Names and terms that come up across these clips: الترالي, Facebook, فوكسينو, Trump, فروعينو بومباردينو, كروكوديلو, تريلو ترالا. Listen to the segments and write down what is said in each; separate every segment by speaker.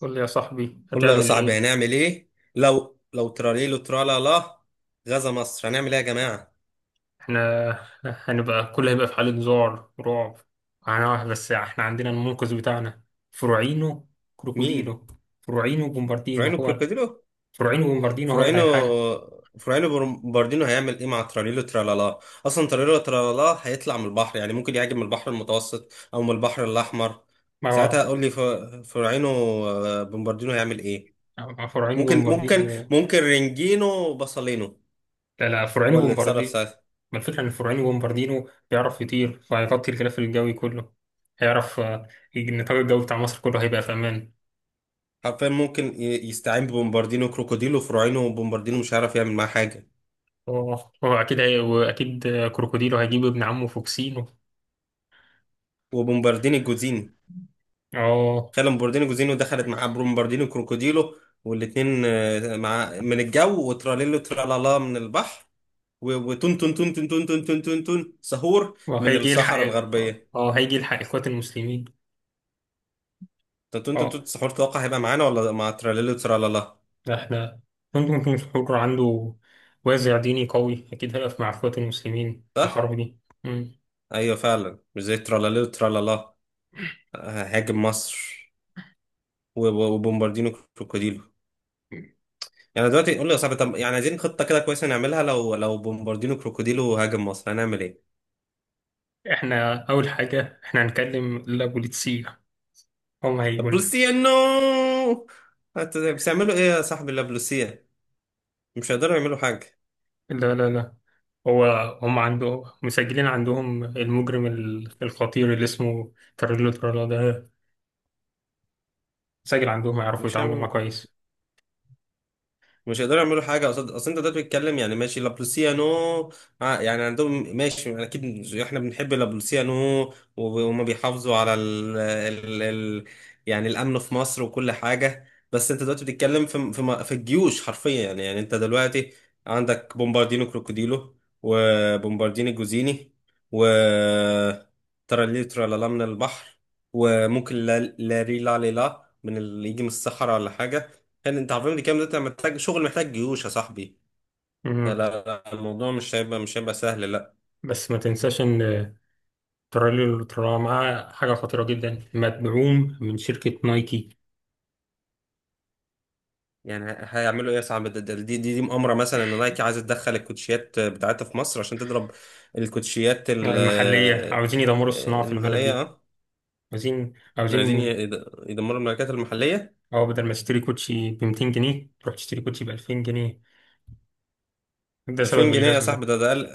Speaker 1: قول لي يا صاحبي،
Speaker 2: قول لي يا
Speaker 1: هتعمل
Speaker 2: صاحبي
Speaker 1: ايه؟
Speaker 2: هنعمل ايه لو تراليلو ترالا لا غزا مصر، هنعمل ايه يا جماعة؟
Speaker 1: احنا هنبقى كله هيبقى في حالة ذعر ورعب. هنروح، بس احنا عندنا المنقذ بتاعنا، فروعينو
Speaker 2: مين؟
Speaker 1: كروكوديلو. فروعينو بومباردينو
Speaker 2: فراينو
Speaker 1: هو ال-
Speaker 2: كروكوديلو
Speaker 1: فروعينو بومباردينو هو اللي
Speaker 2: فراينو.
Speaker 1: هيلحقنا.
Speaker 2: فراينو باردينو هيعمل ايه مع تراليلو ترالا لا؟ اصلا تراليلو ترالا لا هيطلع من البحر، يعني ممكن يهاجم من البحر المتوسط او من البحر الاحمر.
Speaker 1: ما
Speaker 2: ساعتها قول لي. فراينو، بومباردينو هيعمل ايه؟
Speaker 1: ما- فروعينو
Speaker 2: ممكن
Speaker 1: بومباردينو
Speaker 2: ممكن
Speaker 1: هو-
Speaker 2: ممكن رينجينو وباسولينو
Speaker 1: لا لا، فروعينو
Speaker 2: هو اللي اتصرف
Speaker 1: بومباردينو.
Speaker 2: ساعتها.
Speaker 1: ما الفكرة ان فروعينو بومباردينو بيعرف يطير، فهيغطي الغلاف الجوي كله. هيعرف. النطاق الجوي بتاع مصر كله هيبقى في امان.
Speaker 2: حرفيا ممكن يستعين ببومباردينو كروكوديلو. فراينو وبومباردينو مش هيعرف يعمل معاه حاجة.
Speaker 1: اه، هو اكيد هي واكيد. كروكوديلو هيجيب ابن عمه فوكسينو.
Speaker 2: وبومبارديني جوزيني.
Speaker 1: اه،
Speaker 2: خلى بومبارديني جوزيني ودخلت معاه بومبارديني كروكوديلو، والاثنين مع من الجو، وتراليلو ترالالا من البحر، و- وتون تون تون تون تون تون تون تون تون سهور من
Speaker 1: وهيجي يلحق
Speaker 2: الصحراء
Speaker 1: إيه؟ اه،
Speaker 2: الغربية.
Speaker 1: هيجي يلحق إخوات المسلمين.
Speaker 2: تون تون تون
Speaker 1: اه،
Speaker 2: تون سحور توقع هيبقى معانا ولا مع تراليلو ترالالا؟
Speaker 1: ده احنا ممكن يكون الحر عنده وازع ديني قوي، أكيد هيقف مع إخوات المسلمين في
Speaker 2: صح؟
Speaker 1: الحرب دي. مم.
Speaker 2: ايوه فعلا، مش زي تراليلو ترالالا هاجم مصر، و- و- وبومباردينو كروكوديلو. يعني دلوقتي قول لي يا صاحبي، طب يعني عايزين خطة كده كويسة نعملها لو بومباردينو كروكوديلو هاجم مصر، هنعمل ايه؟
Speaker 1: احنا أول حاجة احنا هنكلم البوليتسية، هم هيقول.
Speaker 2: بلوسية نو. بس يعملوا ايه يا صاحبي؟ لا، بلوسية مش هيقدروا يعملوا حاجة.
Speaker 1: لا لا لا. هو هم عنده مسجلين عندهم المجرم الخطير اللي اسمه تريلو ترالا ده، مسجل عندهم، هيعرفوا
Speaker 2: مش
Speaker 1: يتعاملوا معاه
Speaker 2: هيعملوا،
Speaker 1: كويس.
Speaker 2: مش هيقدروا يعملوا حاجه. اصل انت دلوقتي بتتكلم، يعني ماشي لابلوسيانو، يعني عندهم ماشي اكيد، احنا بنحب لابلوسيانو، وب- وهم بيحافظوا على ال يعني الامن في مصر وكل حاجه. بس انت دلوقتي بتتكلم في في الجيوش حرفيا. يعني انت دلوقتي عندك بومباردينو كروكوديلو، وبومباردينو جوزيني، و ترالي ترالالام من البحر، وممكن لا لا ري لا لي لا من اللي يجي من الصحراء ولا حاجه. كان انت عارفين دي كام؟ ده انت محتاج شغل، محتاج جيوش يا صاحبي.
Speaker 1: مم.
Speaker 2: فلا لا، الموضوع مش هيبقى، مش هيبقى سهل لا.
Speaker 1: بس ما تنساش إن الترالي اللي طلعوا معاه حاجة خطيرة جدا، مدعوم من شركة نايكي
Speaker 2: يعني هيعملوا ايه يا صاحبي؟ دي مؤامره مثلا ان نايكي عايزه تدخل الكوتشيات بتاعتها في مصر عشان تضرب الكوتشيات
Speaker 1: المحلية. عاوزين يدمروا الصناعة في البلد
Speaker 2: المحليه
Speaker 1: دي.
Speaker 2: اه.
Speaker 1: عاوزين
Speaker 2: عايزين
Speaker 1: عاوزين
Speaker 2: يدمروا الماركات المحليه.
Speaker 1: أو بدل ما تشتري كوتشي ب 200 جنيه تروح تشتري كوتشي ب 2000 جنيه. ده سبب
Speaker 2: 2000 جنيه يا
Speaker 1: الجذب
Speaker 2: صاحبي؟
Speaker 1: ده.
Speaker 2: ده اقل،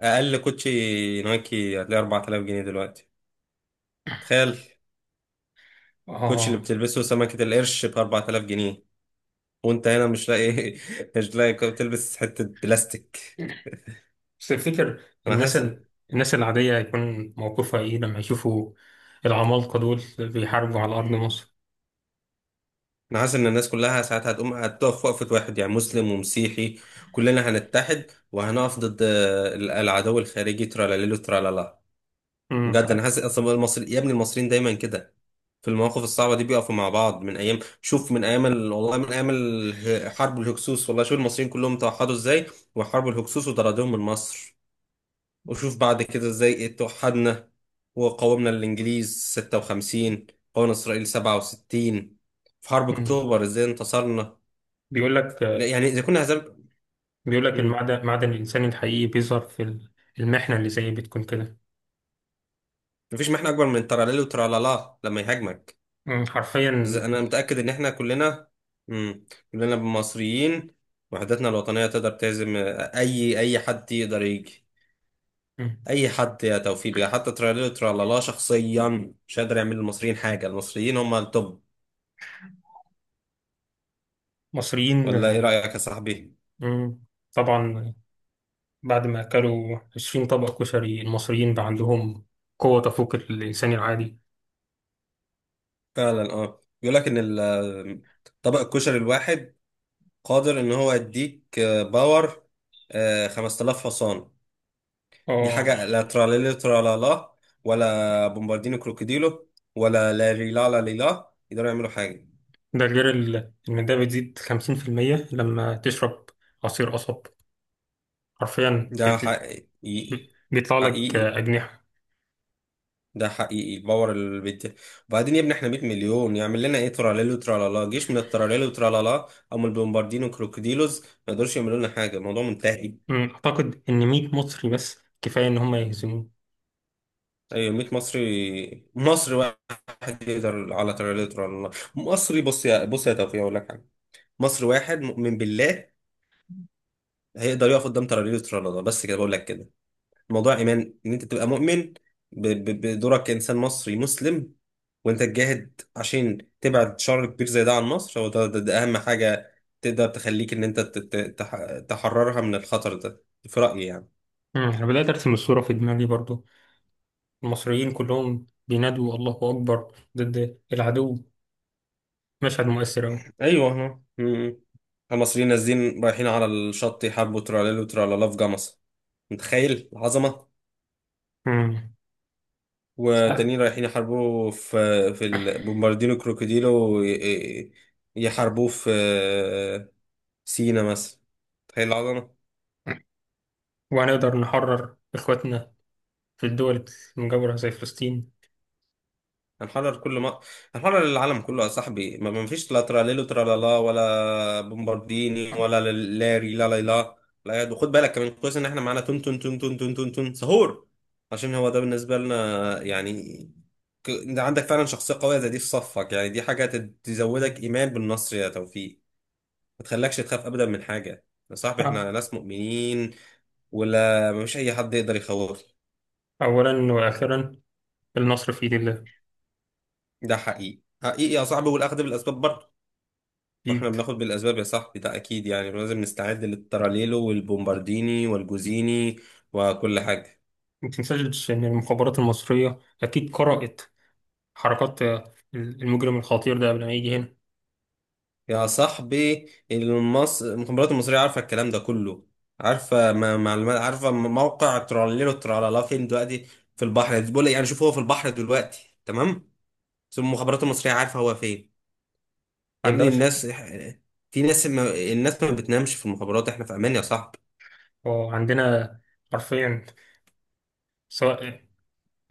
Speaker 2: اقل كوتشي نايكي هتلاقي 4000 جنيه دلوقتي. تخيل
Speaker 1: آه،
Speaker 2: الكوتشي اللي
Speaker 1: اه.
Speaker 2: بتلبسه سمكه القرش ب 4000 جنيه، وانت هنا مش لاقي. مش لاقي تلبس حتة بلاستيك.
Speaker 1: بس تفتكر
Speaker 2: انا
Speaker 1: الناس
Speaker 2: حاسس
Speaker 1: ال... الناس العادية هيكون موقفها إيه لما يشوفوا العمالقة دول بيحاربوا على أرض مصر.
Speaker 2: انا حاسس ان الناس كلها ساعات هتقوم هتقف وقفة واحد، يعني مسلم ومسيحي كلنا هنتحد وهنقف ضد العدو الخارجي ترالاليلو ترالالا.
Speaker 1: مم.
Speaker 2: بجد انا حاسس، اصلا المصري يا ابني المصريين دايما كده في المواقف الصعبة دي بيقفوا مع بعض. من ايام، شوف، من ايام والله من ايام حرب الهكسوس، والله شوف المصريين كلهم توحدوا ازاي وحرب الهكسوس وطردوهم من مصر. وشوف بعد كده ازاي توحدنا وقاومنا الإنجليز ستة وخمسين، قاومنا إسرائيل سبعة وستين، في حرب
Speaker 1: مم.
Speaker 2: أكتوبر ازاي انتصرنا.
Speaker 1: بيقول لك
Speaker 2: لا يعني إذا كنا هزار.
Speaker 1: بيقول لك
Speaker 2: مم.
Speaker 1: المعدن، معدن الإنسان الحقيقي بيظهر في المحنة اللي زي بتكون كده.
Speaker 2: مفيش محنة أكبر من تراليل وترالالا لما يهاجمك.
Speaker 1: مم،
Speaker 2: بس
Speaker 1: حرفيا.
Speaker 2: أنا متأكد إن إحنا كلنا، مم، كلنا مصريين وحدتنا الوطنية تقدر تهزم أي حد يقدر يجي.
Speaker 1: مم.
Speaker 2: أي حد يا توفيق بقى، حتى تراليل وترالالا شخصيا مش هيقدر يعمل للمصريين حاجة، المصريين هم التوب.
Speaker 1: مصريين.
Speaker 2: ولا إيه رأيك يا صاحبي؟
Speaker 1: مم. طبعا، بعد ما أكلوا 20 طبق كشري المصريين بقى عندهم قوة تفوق الإنسان العادي.
Speaker 2: فعلا اه، بيقول لك ان طبق الكشري الواحد قادر ان هو يديك باور، 5000 حصان. دي
Speaker 1: اه،
Speaker 2: حاجه لا تراليلي ترالالا ولا بومباردينو كروكوديلو ولا لا ريلا لا ليلا يقدروا يعملوا حاجه.
Speaker 1: ده غير إن ده بتزيد 50% لما تشرب عصير قصب. حرفيا
Speaker 2: ده حقيقي
Speaker 1: بيطلع لك
Speaker 2: حقيقي
Speaker 1: أجنحة.
Speaker 2: ده حقيقي الباور اللي بيدي. وبعدين يا ابني احنا 100 مليون، يعمل لنا ايه تراليلو ترالالا؟ جيش من التراليلو ترالالا او من البومباردينو كروكوديلوز ما يقدروش يعملوا لنا حاجه، الموضوع منتهي.
Speaker 1: مم. أعتقد إن 100 مصري بس كفاية إن هم يهزمون.
Speaker 2: ايوه 100 مصري، مصري واحد يقدر على تريليتر ولا لا. مصري، بص، يا توفيق اقول لك حاجه، مصري واحد مؤمن بالله هيقدر يقف قدام تريليتر ولا لا. بس كده بقول لك كده. الموضوع ايمان، ان انت تبقى مؤمن بدورك كانسان مصري مسلم، وانت تجاهد عشان تبعد شر كبير زي ده عن مصر. هو ده اهم حاجه تقدر تخليك ان انت تحررها من الخطر ده في رايي يعني.
Speaker 1: مم. أنا بدأت أرسم الصورة في دماغي برضو، المصريين كلهم بينادوا الله أكبر ضد العدو. مشهد مؤثر أوي.
Speaker 2: ايوه احنا، مم، المصريين نازلين رايحين على الشط يحاربوا تراليل وترالالا في جمصة. متخيل العظمة؟
Speaker 1: مم. ساعات.
Speaker 2: وتانيين رايحين يحاربوا في، في بومباردينو كروكوديلو وي- إيه، يحاربوه في سينا مثلا. تخيل العظمة.
Speaker 1: وهنقدر نحرر إخواتنا في الدول المجاورة زي فلسطين.
Speaker 2: هنحرر كل ما هنحرر العالم كله يا صاحبي، ما فيش لا تراليلو ترالالا ولا بومبارديني ولا لاري لا لا لا لا يد. وخد بالك كمان كويس ان احنا معانا تون تون تون تون تون تون تون سهور، عشان هو ده بالنسبه لنا يعني. انت عندك فعلا شخصيه قويه زي دي في صفك، يعني دي حاجه تزودك ايمان بالنصر يا توفيق. ما تخلكش تخاف ابدا من حاجه يا صاحبي،
Speaker 1: آه.
Speaker 2: احنا ناس مؤمنين، ولا مفيش اي حد يقدر يخوفنا.
Speaker 1: أولا وآخرا النصر في يد الله.
Speaker 2: ده حقيقي، حقيقي يا صاحبي، والاخذ بالاسباب برضه. واحنا
Speaker 1: أكيد.
Speaker 2: بناخد بالاسباب يا صاحبي ده اكيد، يعني لازم نستعد للتراليلو والبومبارديني والجوزيني وكل حاجه.
Speaker 1: ما تنساش إن المخابرات المصرية أكيد قرأت حركات المجرم الخطير ده قبل ما يجي هنا.
Speaker 2: يا صاحبي المخابرات المصريه عارفه الكلام ده كله، عارفه ما... معلومات، عارفه موقع تراليلو ترالالا فين دلوقتي. في البحر، بقول لك يعني شوف، هو في البحر دلوقتي تمام، بس المخابرات المصريه عارفه هو فين. يا ابني
Speaker 1: عندهاش.
Speaker 2: الناس، في ناس ما... الناس ما بتنامش في المخابرات، احنا في امان يا صاحبي.
Speaker 1: وعندنا حرفيا، سواء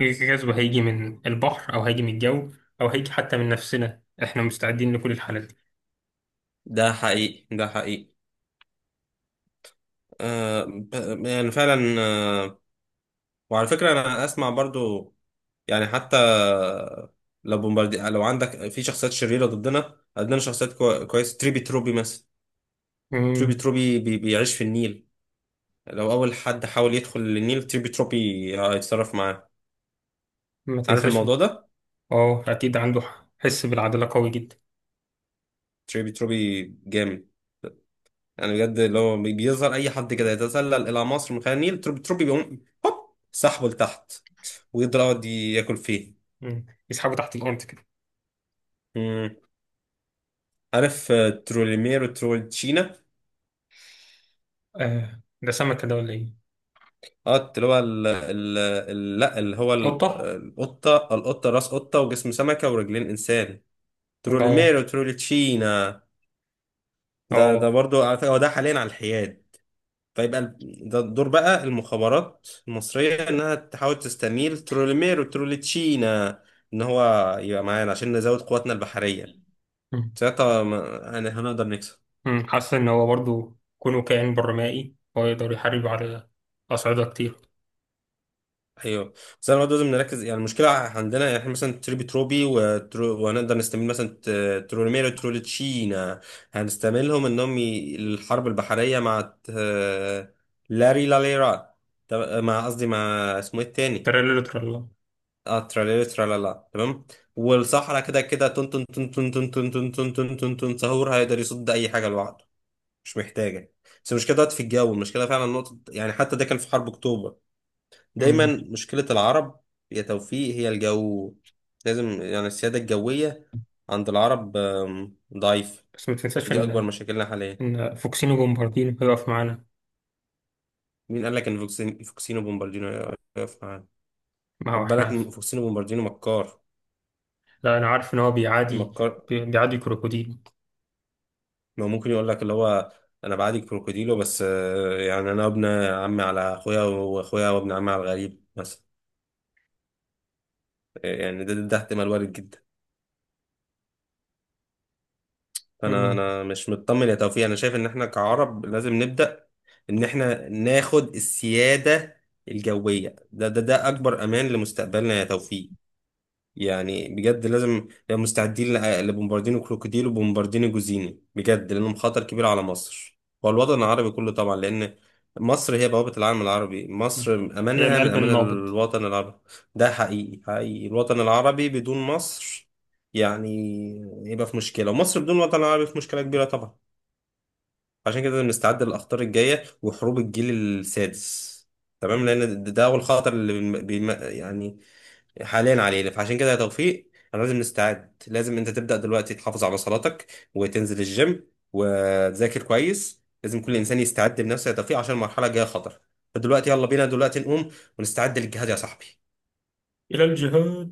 Speaker 1: الغزو هيجي من البحر أو هيجي من الجو أو هيجي حتى من نفسنا، إحنا مستعدين لكل الحالات دي.
Speaker 2: ده حقيقي. يعني فعلا، وعلى فكرة أنا أسمع برضو يعني، حتى لو لو عندك في شخصيات شريرة ضدنا، عندنا شخصيات كويسة، تريبي تروبي مثلا. تريبي
Speaker 1: مم.
Speaker 2: تروبي بيعيش في النيل، لو أول حد حاول يدخل للنيل تريبي تروبي هيتصرف معاه.
Speaker 1: ما
Speaker 2: عارف
Speaker 1: تنساش.
Speaker 2: الموضوع ده؟
Speaker 1: أه، أكيد عنده حس بالعدالة قوي جدا.
Speaker 2: تريبي تروبي جامد يعني بجد، لو بيظهر أي حد كده يتسلل إلى مصر من خلال النيل تريبي تروبي بيقوم هوب سحبه لتحت، ويقدر يقعد ياكل فيه.
Speaker 1: مم. يسحبه تحت الأرض كده.
Speaker 2: مم. عارف تروليمير وترولتشينا؟
Speaker 1: آه، ده سمكة ده ولا إيه؟
Speaker 2: اه اللي هو لا اللي هو
Speaker 1: قطة؟
Speaker 2: القطة، راس قطة وجسم سمكة ورجلين إنسان.
Speaker 1: اه،
Speaker 2: تروليميرو تروليتشينا، ده ده
Speaker 1: اه.
Speaker 2: برضو على فكرة هو ده حاليا على الحياد. فيبقى ده دور بقى المخابرات المصرية إنها تحاول تستميل تروليميرو تروليتشينا إن هو يبقى معانا عشان نزود قواتنا البحرية.
Speaker 1: أمم،
Speaker 2: ساعتها يعني هنقدر نكسب.
Speaker 1: أمم. حاسس إن هو برضو كونه كائن برمائي، هو يقدر يحارب على أصعدة كتير.
Speaker 2: ايوه بس انا برضه لازم نركز يعني، المشكله عندنا يعني احنا مثلا تريبي تروبي وهنقدر نستعمل مثلا تروليميرو تروليتشينا، هنستعملهم انهم الحرب البحريه مع لاري لاليرا، مع قصدي مع، اسمه ايه التاني؟
Speaker 1: ترى ترلا.
Speaker 2: اه تراليري ترالالا تمام. والصحراء كده كده تن تن تن تن تن تن تن تن تن تن تن سهور هيقدر يصد اي حاجه لوحده، مش محتاجه. بس المشكله دلوقتي في الجو، المشكله فعلا نقطه، يعني حتى ده كان في حرب اكتوبر دايما
Speaker 1: أمم،
Speaker 2: مشكلة العرب يا توفيق هي الجو. لازم يعني السيادة الجوية عند العرب ضعيف.
Speaker 1: بس ما تنساش
Speaker 2: دي أكبر
Speaker 1: إن
Speaker 2: مشاكلنا حاليا.
Speaker 1: إن فوكسينو بومباردينو هيقف معانا.
Speaker 2: مين قال لك إن فوكسينو بومباردينو يقف معانا؟
Speaker 1: ما هو
Speaker 2: خد
Speaker 1: إحنا
Speaker 2: بالك
Speaker 1: عارف.
Speaker 2: إن فوكسينو بومباردينو مكار،
Speaker 1: لا، أنا عارف إن هو بيعادي
Speaker 2: مكار.
Speaker 1: كروكوديل.
Speaker 2: ما ممكن يقول لك اللي هو أنا بعادي كروكوديلو، بس يعني أنا ابن عمي على أخويا وأخويا وابن عمي على الغريب مثلا. يعني ده احتمال وارد جدا. انا
Speaker 1: أمم،
Speaker 2: انا مش مطمن يا توفيق، انا شايف ان احنا كعرب لازم نبدا ان احنا ناخد السياده الجويه. ده اكبر امان لمستقبلنا يا توفيق. يعني بجد لازم نبقى مستعدين لبومباردينو كروكوديل وبومباردينو جوزيني بجد، لأنهم خطر كبير على مصر والوطن العربي كله طبعا، لأن مصر هي بوابة العالم العربي،
Speaker 1: أمم.
Speaker 2: مصر
Speaker 1: هي
Speaker 2: أمانها من
Speaker 1: القلب
Speaker 2: أمان
Speaker 1: النابض.
Speaker 2: الوطن العربي. ده حقيقي الوطن العربي بدون مصر يعني يبقى في مشكلة، ومصر بدون الوطن العربي في مشكلة كبيرة طبعا. عشان كده لازم نستعد للأخطار الجاية وحروب الجيل السادس تمام،
Speaker 1: أمم.
Speaker 2: لأن ده أول خطر اللي يعني حاليا علينا. فعشان كده يا توفيق انا لازم نستعد، لازم انت تبدأ دلوقتي تحافظ على صلاتك، وتنزل الجيم وتذاكر كويس. لازم كل انسان يستعد لنفسه يا توفيق عشان المرحلة الجاية خطر. فدلوقتي يلا بينا دلوقتي نقوم ونستعد للجهاد يا صاحبي.
Speaker 1: إلى الجهاد.